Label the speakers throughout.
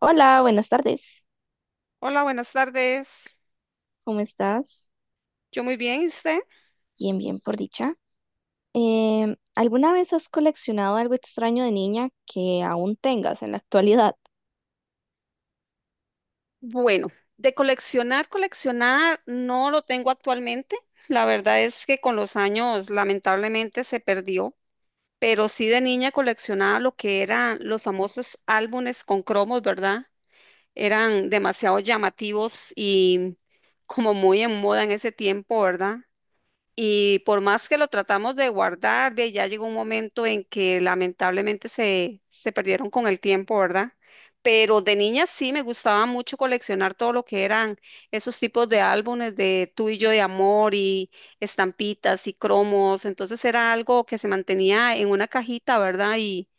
Speaker 1: Hola, buenas tardes.
Speaker 2: Hola, buenas tardes.
Speaker 1: ¿Cómo estás?
Speaker 2: Yo muy bien, ¿y usted?
Speaker 1: Bien, bien, por dicha. ¿Alguna vez has coleccionado algo extraño de niña que aún tengas en la actualidad?
Speaker 2: Bueno, de coleccionar, coleccionar no lo tengo actualmente. La verdad es que con los años lamentablemente se perdió, pero sí de niña coleccionaba lo que eran los famosos álbumes con cromos, ¿verdad? Eran demasiado llamativos y como muy en moda en ese tiempo, ¿verdad? Y por más que lo tratamos de guardar, ve, ya llegó un momento en que lamentablemente se perdieron con el tiempo, ¿verdad? Pero de niña sí me gustaba mucho coleccionar todo lo que eran esos tipos de álbumes de Tú y yo de amor y estampitas y cromos. Entonces era algo que se mantenía en una cajita, ¿verdad? Y,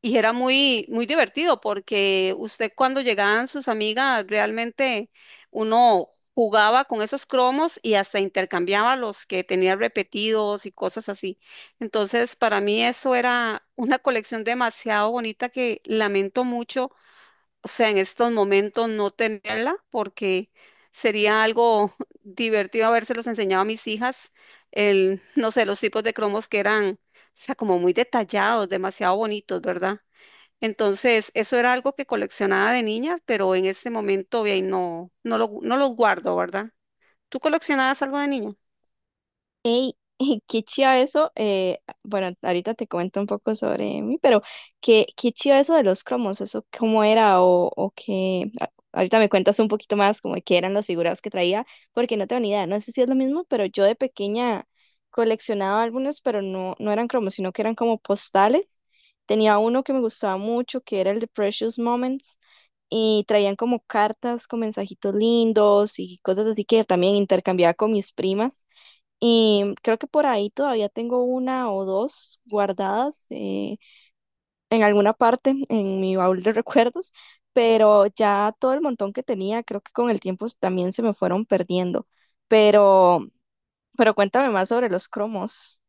Speaker 2: y era muy, muy divertido porque usted cuando llegaban sus amigas, realmente uno jugaba con esos cromos y hasta intercambiaba los que tenía repetidos y cosas así. Entonces, para mí eso era una colección demasiado bonita que lamento mucho, o sea, en estos momentos no tenerla porque sería algo divertido habérselos enseñado a mis hijas, el, no sé, los tipos de cromos que eran, o sea, como muy detallados, demasiado bonitos, ¿verdad? Entonces, eso era algo que coleccionaba de niña, pero en este momento ve, no, no los guardo, ¿verdad? ¿Tú coleccionabas algo de niña?
Speaker 1: Ey, qué chiva eso. Bueno, ahorita te comento un poco sobre mí, pero qué chiva eso de los cromos, ¿eso cómo era o qué? Ahorita me cuentas un poquito más como de qué eran las figuras que traía, porque no tengo ni idea. No sé si es lo mismo, pero yo de pequeña coleccionaba algunos, pero no eran cromos, sino que eran como postales. Tenía uno que me gustaba mucho, que era el de Precious Moments, y traían como cartas con mensajitos lindos y cosas así que también intercambiaba con mis primas. Y creo que por ahí todavía tengo una o dos guardadas en alguna parte en mi baúl de recuerdos, pero ya todo el montón que tenía, creo que con el tiempo también se me fueron perdiendo. Pero, pero cuéntame más sobre los cromos.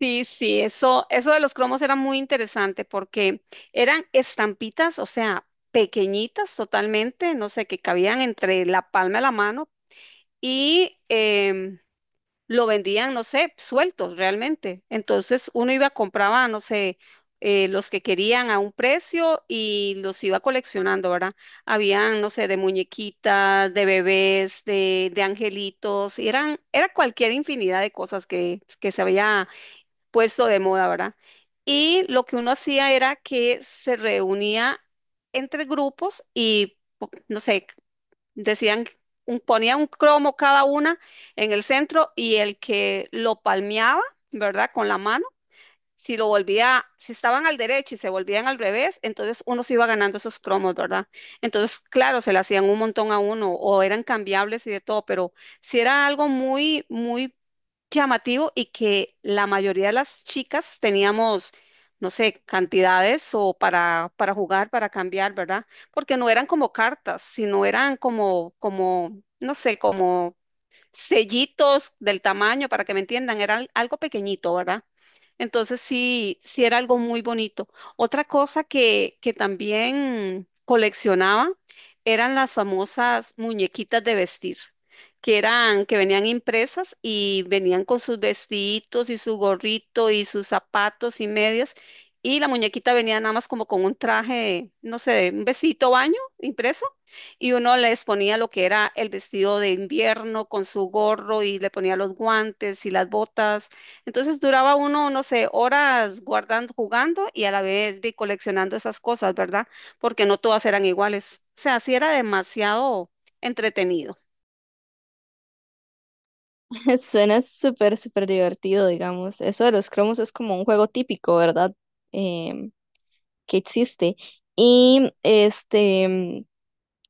Speaker 2: Sí, sí, eso de los cromos era muy interesante porque eran estampitas, o sea, pequeñitas totalmente, no sé, que cabían entre la palma de la mano y lo vendían, no sé, sueltos realmente. Entonces uno iba, compraba, no sé, los que querían a un precio y los iba coleccionando, ¿verdad? Habían, no sé, de muñequitas, de bebés, de angelitos, y eran, era cualquier infinidad de cosas que se había puesto de moda, ¿verdad? Y lo que uno hacía era que se reunía entre grupos y, no sé, decían, ponían un cromo cada una en el centro y el que lo palmeaba, ¿verdad? Con la mano si lo volvía, si estaban al derecho y se volvían al revés, entonces uno se iba ganando esos cromos, ¿verdad? Entonces, claro, se le hacían un montón a uno o eran cambiables y de todo, pero si era algo muy, muy llamativo y que la mayoría de las chicas teníamos, no sé, cantidades o para jugar, para cambiar, ¿verdad? Porque no eran como cartas, sino eran como, como, no sé, como sellitos del tamaño, para que me entiendan, era algo pequeñito, ¿verdad? Entonces sí, sí era algo muy bonito. Otra cosa que también coleccionaba eran las famosas muñequitas de vestir, que eran, que venían impresas y venían con sus vestiditos y su gorrito y sus zapatos y medias. Y la muñequita venía nada más como con un traje, no sé, un vestidito baño impreso y uno les ponía lo que era el vestido de invierno con su gorro y le ponía los guantes y las botas. Entonces duraba uno, no sé, horas guardando, jugando y a la vez vi coleccionando esas cosas, ¿verdad? Porque no todas eran iguales. O sea, sí era demasiado entretenido.
Speaker 1: Suena súper divertido, digamos. Eso de los cromos es como un juego típico, ¿verdad? Em, que existe. Y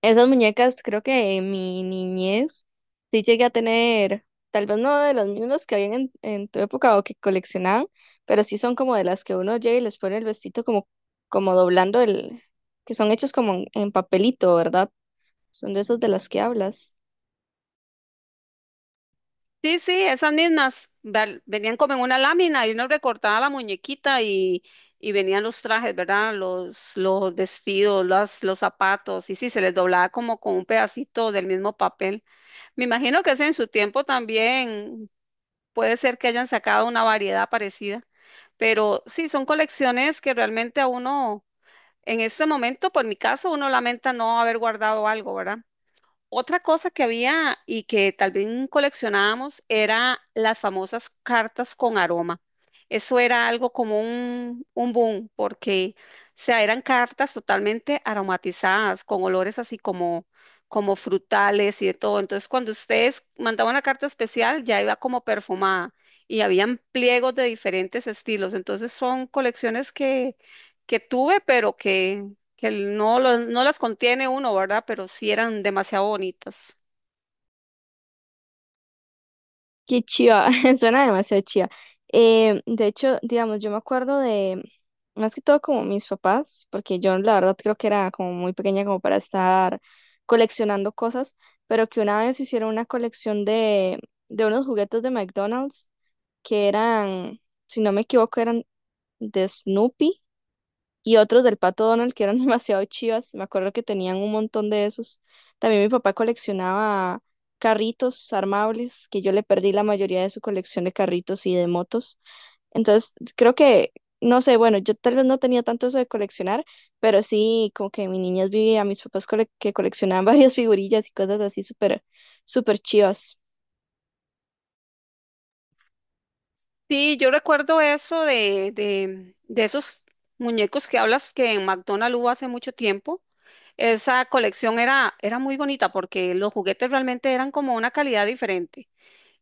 Speaker 1: esas muñecas, creo que en mi niñez sí llegué a tener, tal vez no de las mismas que habían en tu época o que coleccionaban, pero sí son como de las que uno llega y les pone el vestido como doblando el, que son hechos como en papelito, ¿verdad? Son de esas de las que hablas.
Speaker 2: Sí, sí, esas mismas venían como en una lámina y uno recortaba la muñequita y venían los trajes, ¿verdad? Los vestidos, los zapatos y sí, se les doblaba como con un pedacito del mismo papel. Me imagino que ese en su tiempo también puede ser que hayan sacado una variedad parecida, pero sí, son colecciones que realmente a uno, en este momento, por mi caso, uno lamenta no haber guardado algo, ¿verdad? Otra cosa que había y que tal vez coleccionábamos era las famosas cartas con aroma. Eso era algo como un boom, porque o sea, eran cartas totalmente aromatizadas, con olores así como, como frutales y de todo. Entonces, cuando ustedes mandaban una carta especial, ya iba como perfumada y habían pliegos de diferentes estilos. Entonces, son colecciones que tuve, pero que no, no las contiene uno, ¿verdad? Pero sí eran demasiado bonitas.
Speaker 1: Qué chiva, suena demasiado chiva. De hecho, digamos, yo me acuerdo de, más que todo como mis papás, porque yo la verdad creo que era como muy pequeña como para estar coleccionando cosas, pero que una vez hicieron una colección de unos juguetes de McDonald's que eran, si no me equivoco, eran de Snoopy y otros del Pato Donald que eran demasiado chivas. Me acuerdo que tenían un montón de esos. También mi papá coleccionaba carritos armables, que yo le perdí la mayoría de su colección de carritos y de motos. Entonces, creo no sé, bueno, yo tal vez no tenía tanto eso de coleccionar, pero sí, como que en mi niñez vi a mis papás que coleccionaban varias figurillas y cosas así súper chivas.
Speaker 2: Sí, yo recuerdo eso de esos muñecos que hablas que en McDonald's hubo hace mucho tiempo. Esa colección era, era muy bonita porque los juguetes realmente eran como una calidad diferente.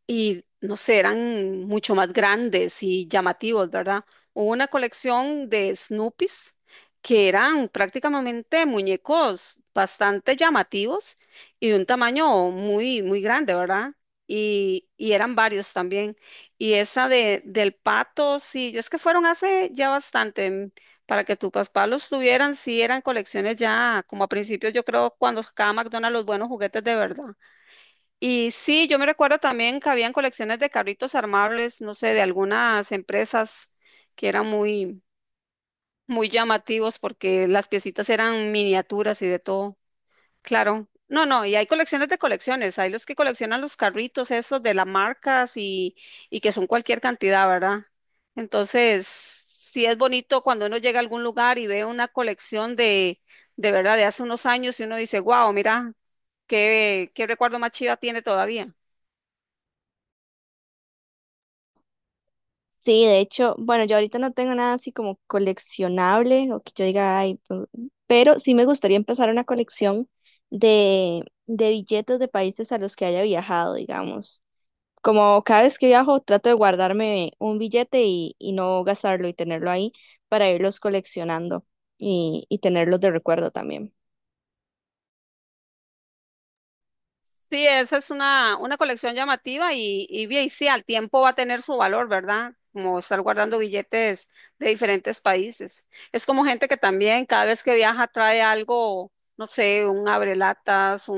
Speaker 2: Y no sé, eran mucho más grandes y llamativos, ¿verdad? Hubo una colección de Snoopies que eran prácticamente muñecos bastante llamativos y de un tamaño muy, muy grande, ¿verdad? Y eran varios también. Y esa de, del pato, sí, es que fueron hace ya bastante, para que tu papá los tuvieran, sí, eran colecciones ya, como a principios, yo creo, cuando sacaba McDonald's los buenos juguetes de verdad. Y sí, yo me recuerdo también que habían colecciones de carritos armables, no sé, de algunas empresas que eran muy, muy llamativos porque las piecitas eran miniaturas y de todo. Claro. No, no, y hay colecciones de colecciones. Hay los que coleccionan los carritos esos de las marcas y que son cualquier cantidad, ¿verdad? Entonces, sí es bonito cuando uno llega a algún lugar y ve una colección de verdad, de hace unos años y uno dice, wow, mira. ¿Qué, qué recuerdo más chiva tiene todavía?
Speaker 1: Sí, de hecho, bueno, yo ahorita no tengo nada así como coleccionable o que yo diga, ay, pero sí me gustaría empezar una colección de billetes de países a los que haya viajado, digamos. Como cada vez que viajo, trato de guardarme un billete y no gastarlo y tenerlo ahí para irlos coleccionando y tenerlos de recuerdo también.
Speaker 2: Sí, esa es una colección llamativa y bien, sí, al tiempo va a tener su valor, ¿verdad? Como estar guardando billetes de diferentes países. Es como gente que también cada vez que viaja trae algo, no sé, un abrelatas,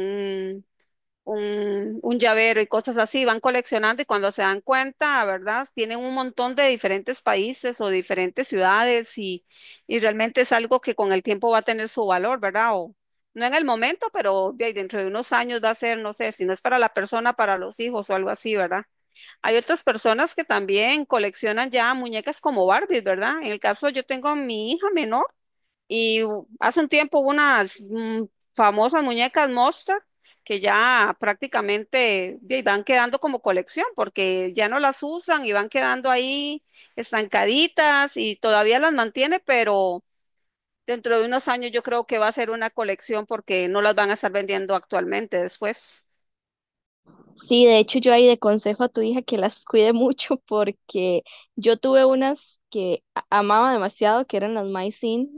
Speaker 2: un llavero y cosas así, van coleccionando y cuando se dan cuenta, ¿verdad? Tienen un montón de diferentes países o diferentes ciudades y realmente es algo que con el tiempo va a tener su valor, ¿verdad? O, no en el momento, pero de ahí dentro de unos años va a ser, no sé, si no es para la persona, para los hijos o algo así, ¿verdad? Hay otras personas que también coleccionan ya muñecas como Barbies, ¿verdad? En el caso, yo tengo a mi hija menor. Y hace un tiempo hubo unas famosas muñecas Monster que ya prácticamente ahí, van quedando como colección porque ya no las usan y van quedando ahí estancaditas y todavía las mantiene, pero dentro de unos años yo creo que va a ser una colección porque no las van a estar vendiendo actualmente después.
Speaker 1: Sí, de hecho, yo ahí de consejo a tu hija que las cuide mucho porque yo tuve unas que amaba demasiado, que eran las My Scene,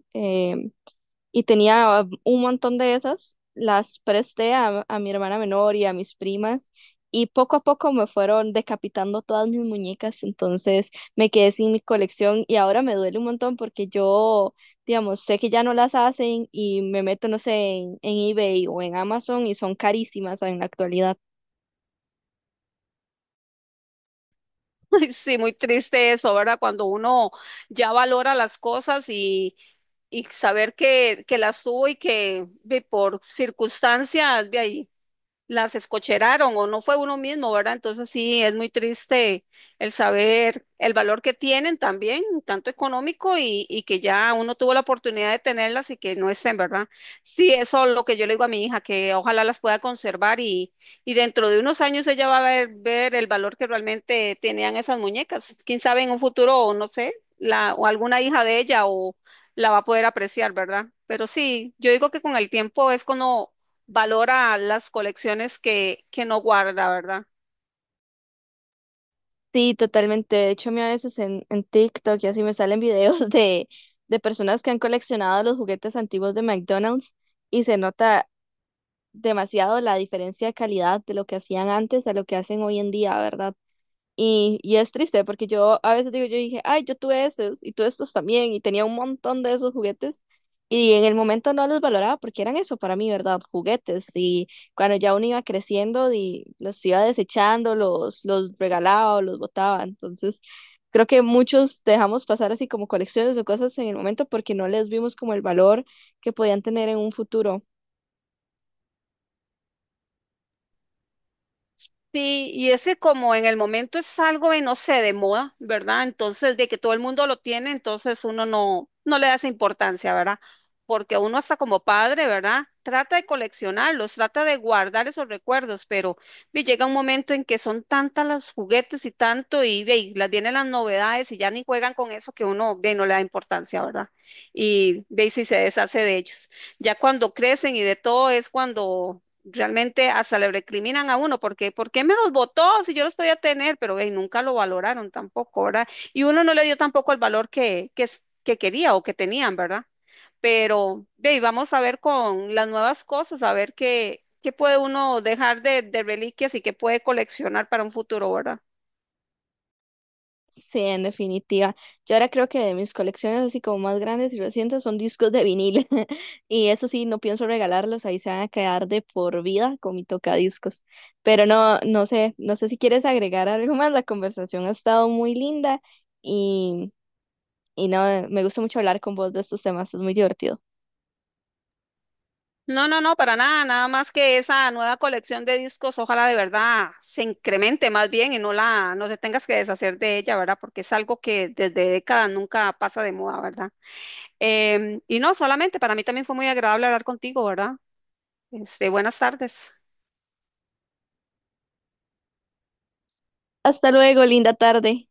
Speaker 1: y tenía un montón de esas, las presté a mi hermana menor y a mis primas y poco a poco me fueron decapitando todas mis muñecas, entonces me quedé sin mi colección y ahora me duele un montón porque yo, digamos, sé que ya no las hacen y me meto, no sé, en eBay o en Amazon y son carísimas en la actualidad.
Speaker 2: Ay, sí, muy triste eso, ¿verdad? Cuando uno ya valora las cosas y saber que las tuvo y que ve, por circunstancias de ahí las escocheraron o no fue uno mismo, ¿verdad? Entonces sí, es muy triste el saber el valor que tienen también, tanto económico y que ya uno tuvo la oportunidad de tenerlas y que no estén, ¿verdad? Sí, eso es lo que yo le digo a mi hija, que ojalá las pueda conservar y dentro de unos años ella va a ver, ver el valor que realmente tenían esas muñecas. Quién sabe en un futuro, o no sé, la, o alguna hija de ella o la va a poder apreciar, ¿verdad? Pero sí, yo digo que con el tiempo es cuando valora las colecciones que no guarda, ¿verdad?
Speaker 1: Sí, totalmente. De hecho, a mí a veces en TikTok y así me salen videos de personas que han coleccionado los juguetes antiguos de McDonald's y se nota demasiado la diferencia de calidad de lo que hacían antes a lo que hacen hoy en día, ¿verdad? Y es triste porque yo a veces digo, yo dije, ay, yo tuve esos y tuve estos también y tenía un montón de esos juguetes y en el momento no los valoraba porque eran eso para mí, ¿verdad? Juguetes y cuando ya uno iba creciendo y los iba desechando, los regalaba o los botaba, entonces... Creo que muchos dejamos pasar así como colecciones o cosas en el momento porque no les vimos como el valor que podían tener en un futuro.
Speaker 2: Sí, y ese como en el momento es algo de, no sé, de moda, ¿verdad? Entonces, de que todo el mundo lo tiene, entonces uno no, no le da esa importancia, ¿verdad? Porque uno hasta como padre, ¿verdad? Trata de coleccionarlos, trata de guardar esos recuerdos, pero vi, llega un momento en que son tantas los juguetes y tanto, y, ve, y las vienen las novedades y ya ni juegan con eso que uno ve, no le da importancia, ¿verdad? Y ve y si se deshace de ellos. Ya cuando crecen y de todo es cuando realmente hasta le recriminan a uno, porque ¿por qué me los votó si yo los podía tener? Pero ey, nunca lo valoraron tampoco, ¿verdad? Y uno no le dio tampoco el valor que quería o que tenían, ¿verdad? Pero ey, vamos a ver con las nuevas cosas, a ver qué, qué puede uno dejar de reliquias y qué puede coleccionar para un futuro, ¿verdad?
Speaker 1: Sí, en definitiva. Yo ahora creo que de mis colecciones así como más grandes y recientes son discos de vinil. Y eso sí, no pienso regalarlos, ahí se van a quedar de por vida con mi tocadiscos. Pero no, no sé, no sé si quieres agregar algo más. La conversación ha estado muy linda y, y no, me gusta mucho hablar con vos de estos temas, es muy divertido.
Speaker 2: No, no, no, para nada, nada más que esa nueva colección de discos, ojalá de verdad se incremente más bien y no la, no te tengas que deshacer de ella, ¿verdad? Porque es algo que desde décadas nunca pasa de moda, ¿verdad? Y no, solamente para mí también fue muy agradable hablar contigo, ¿verdad? Este, buenas tardes.
Speaker 1: Hasta luego, linda tarde.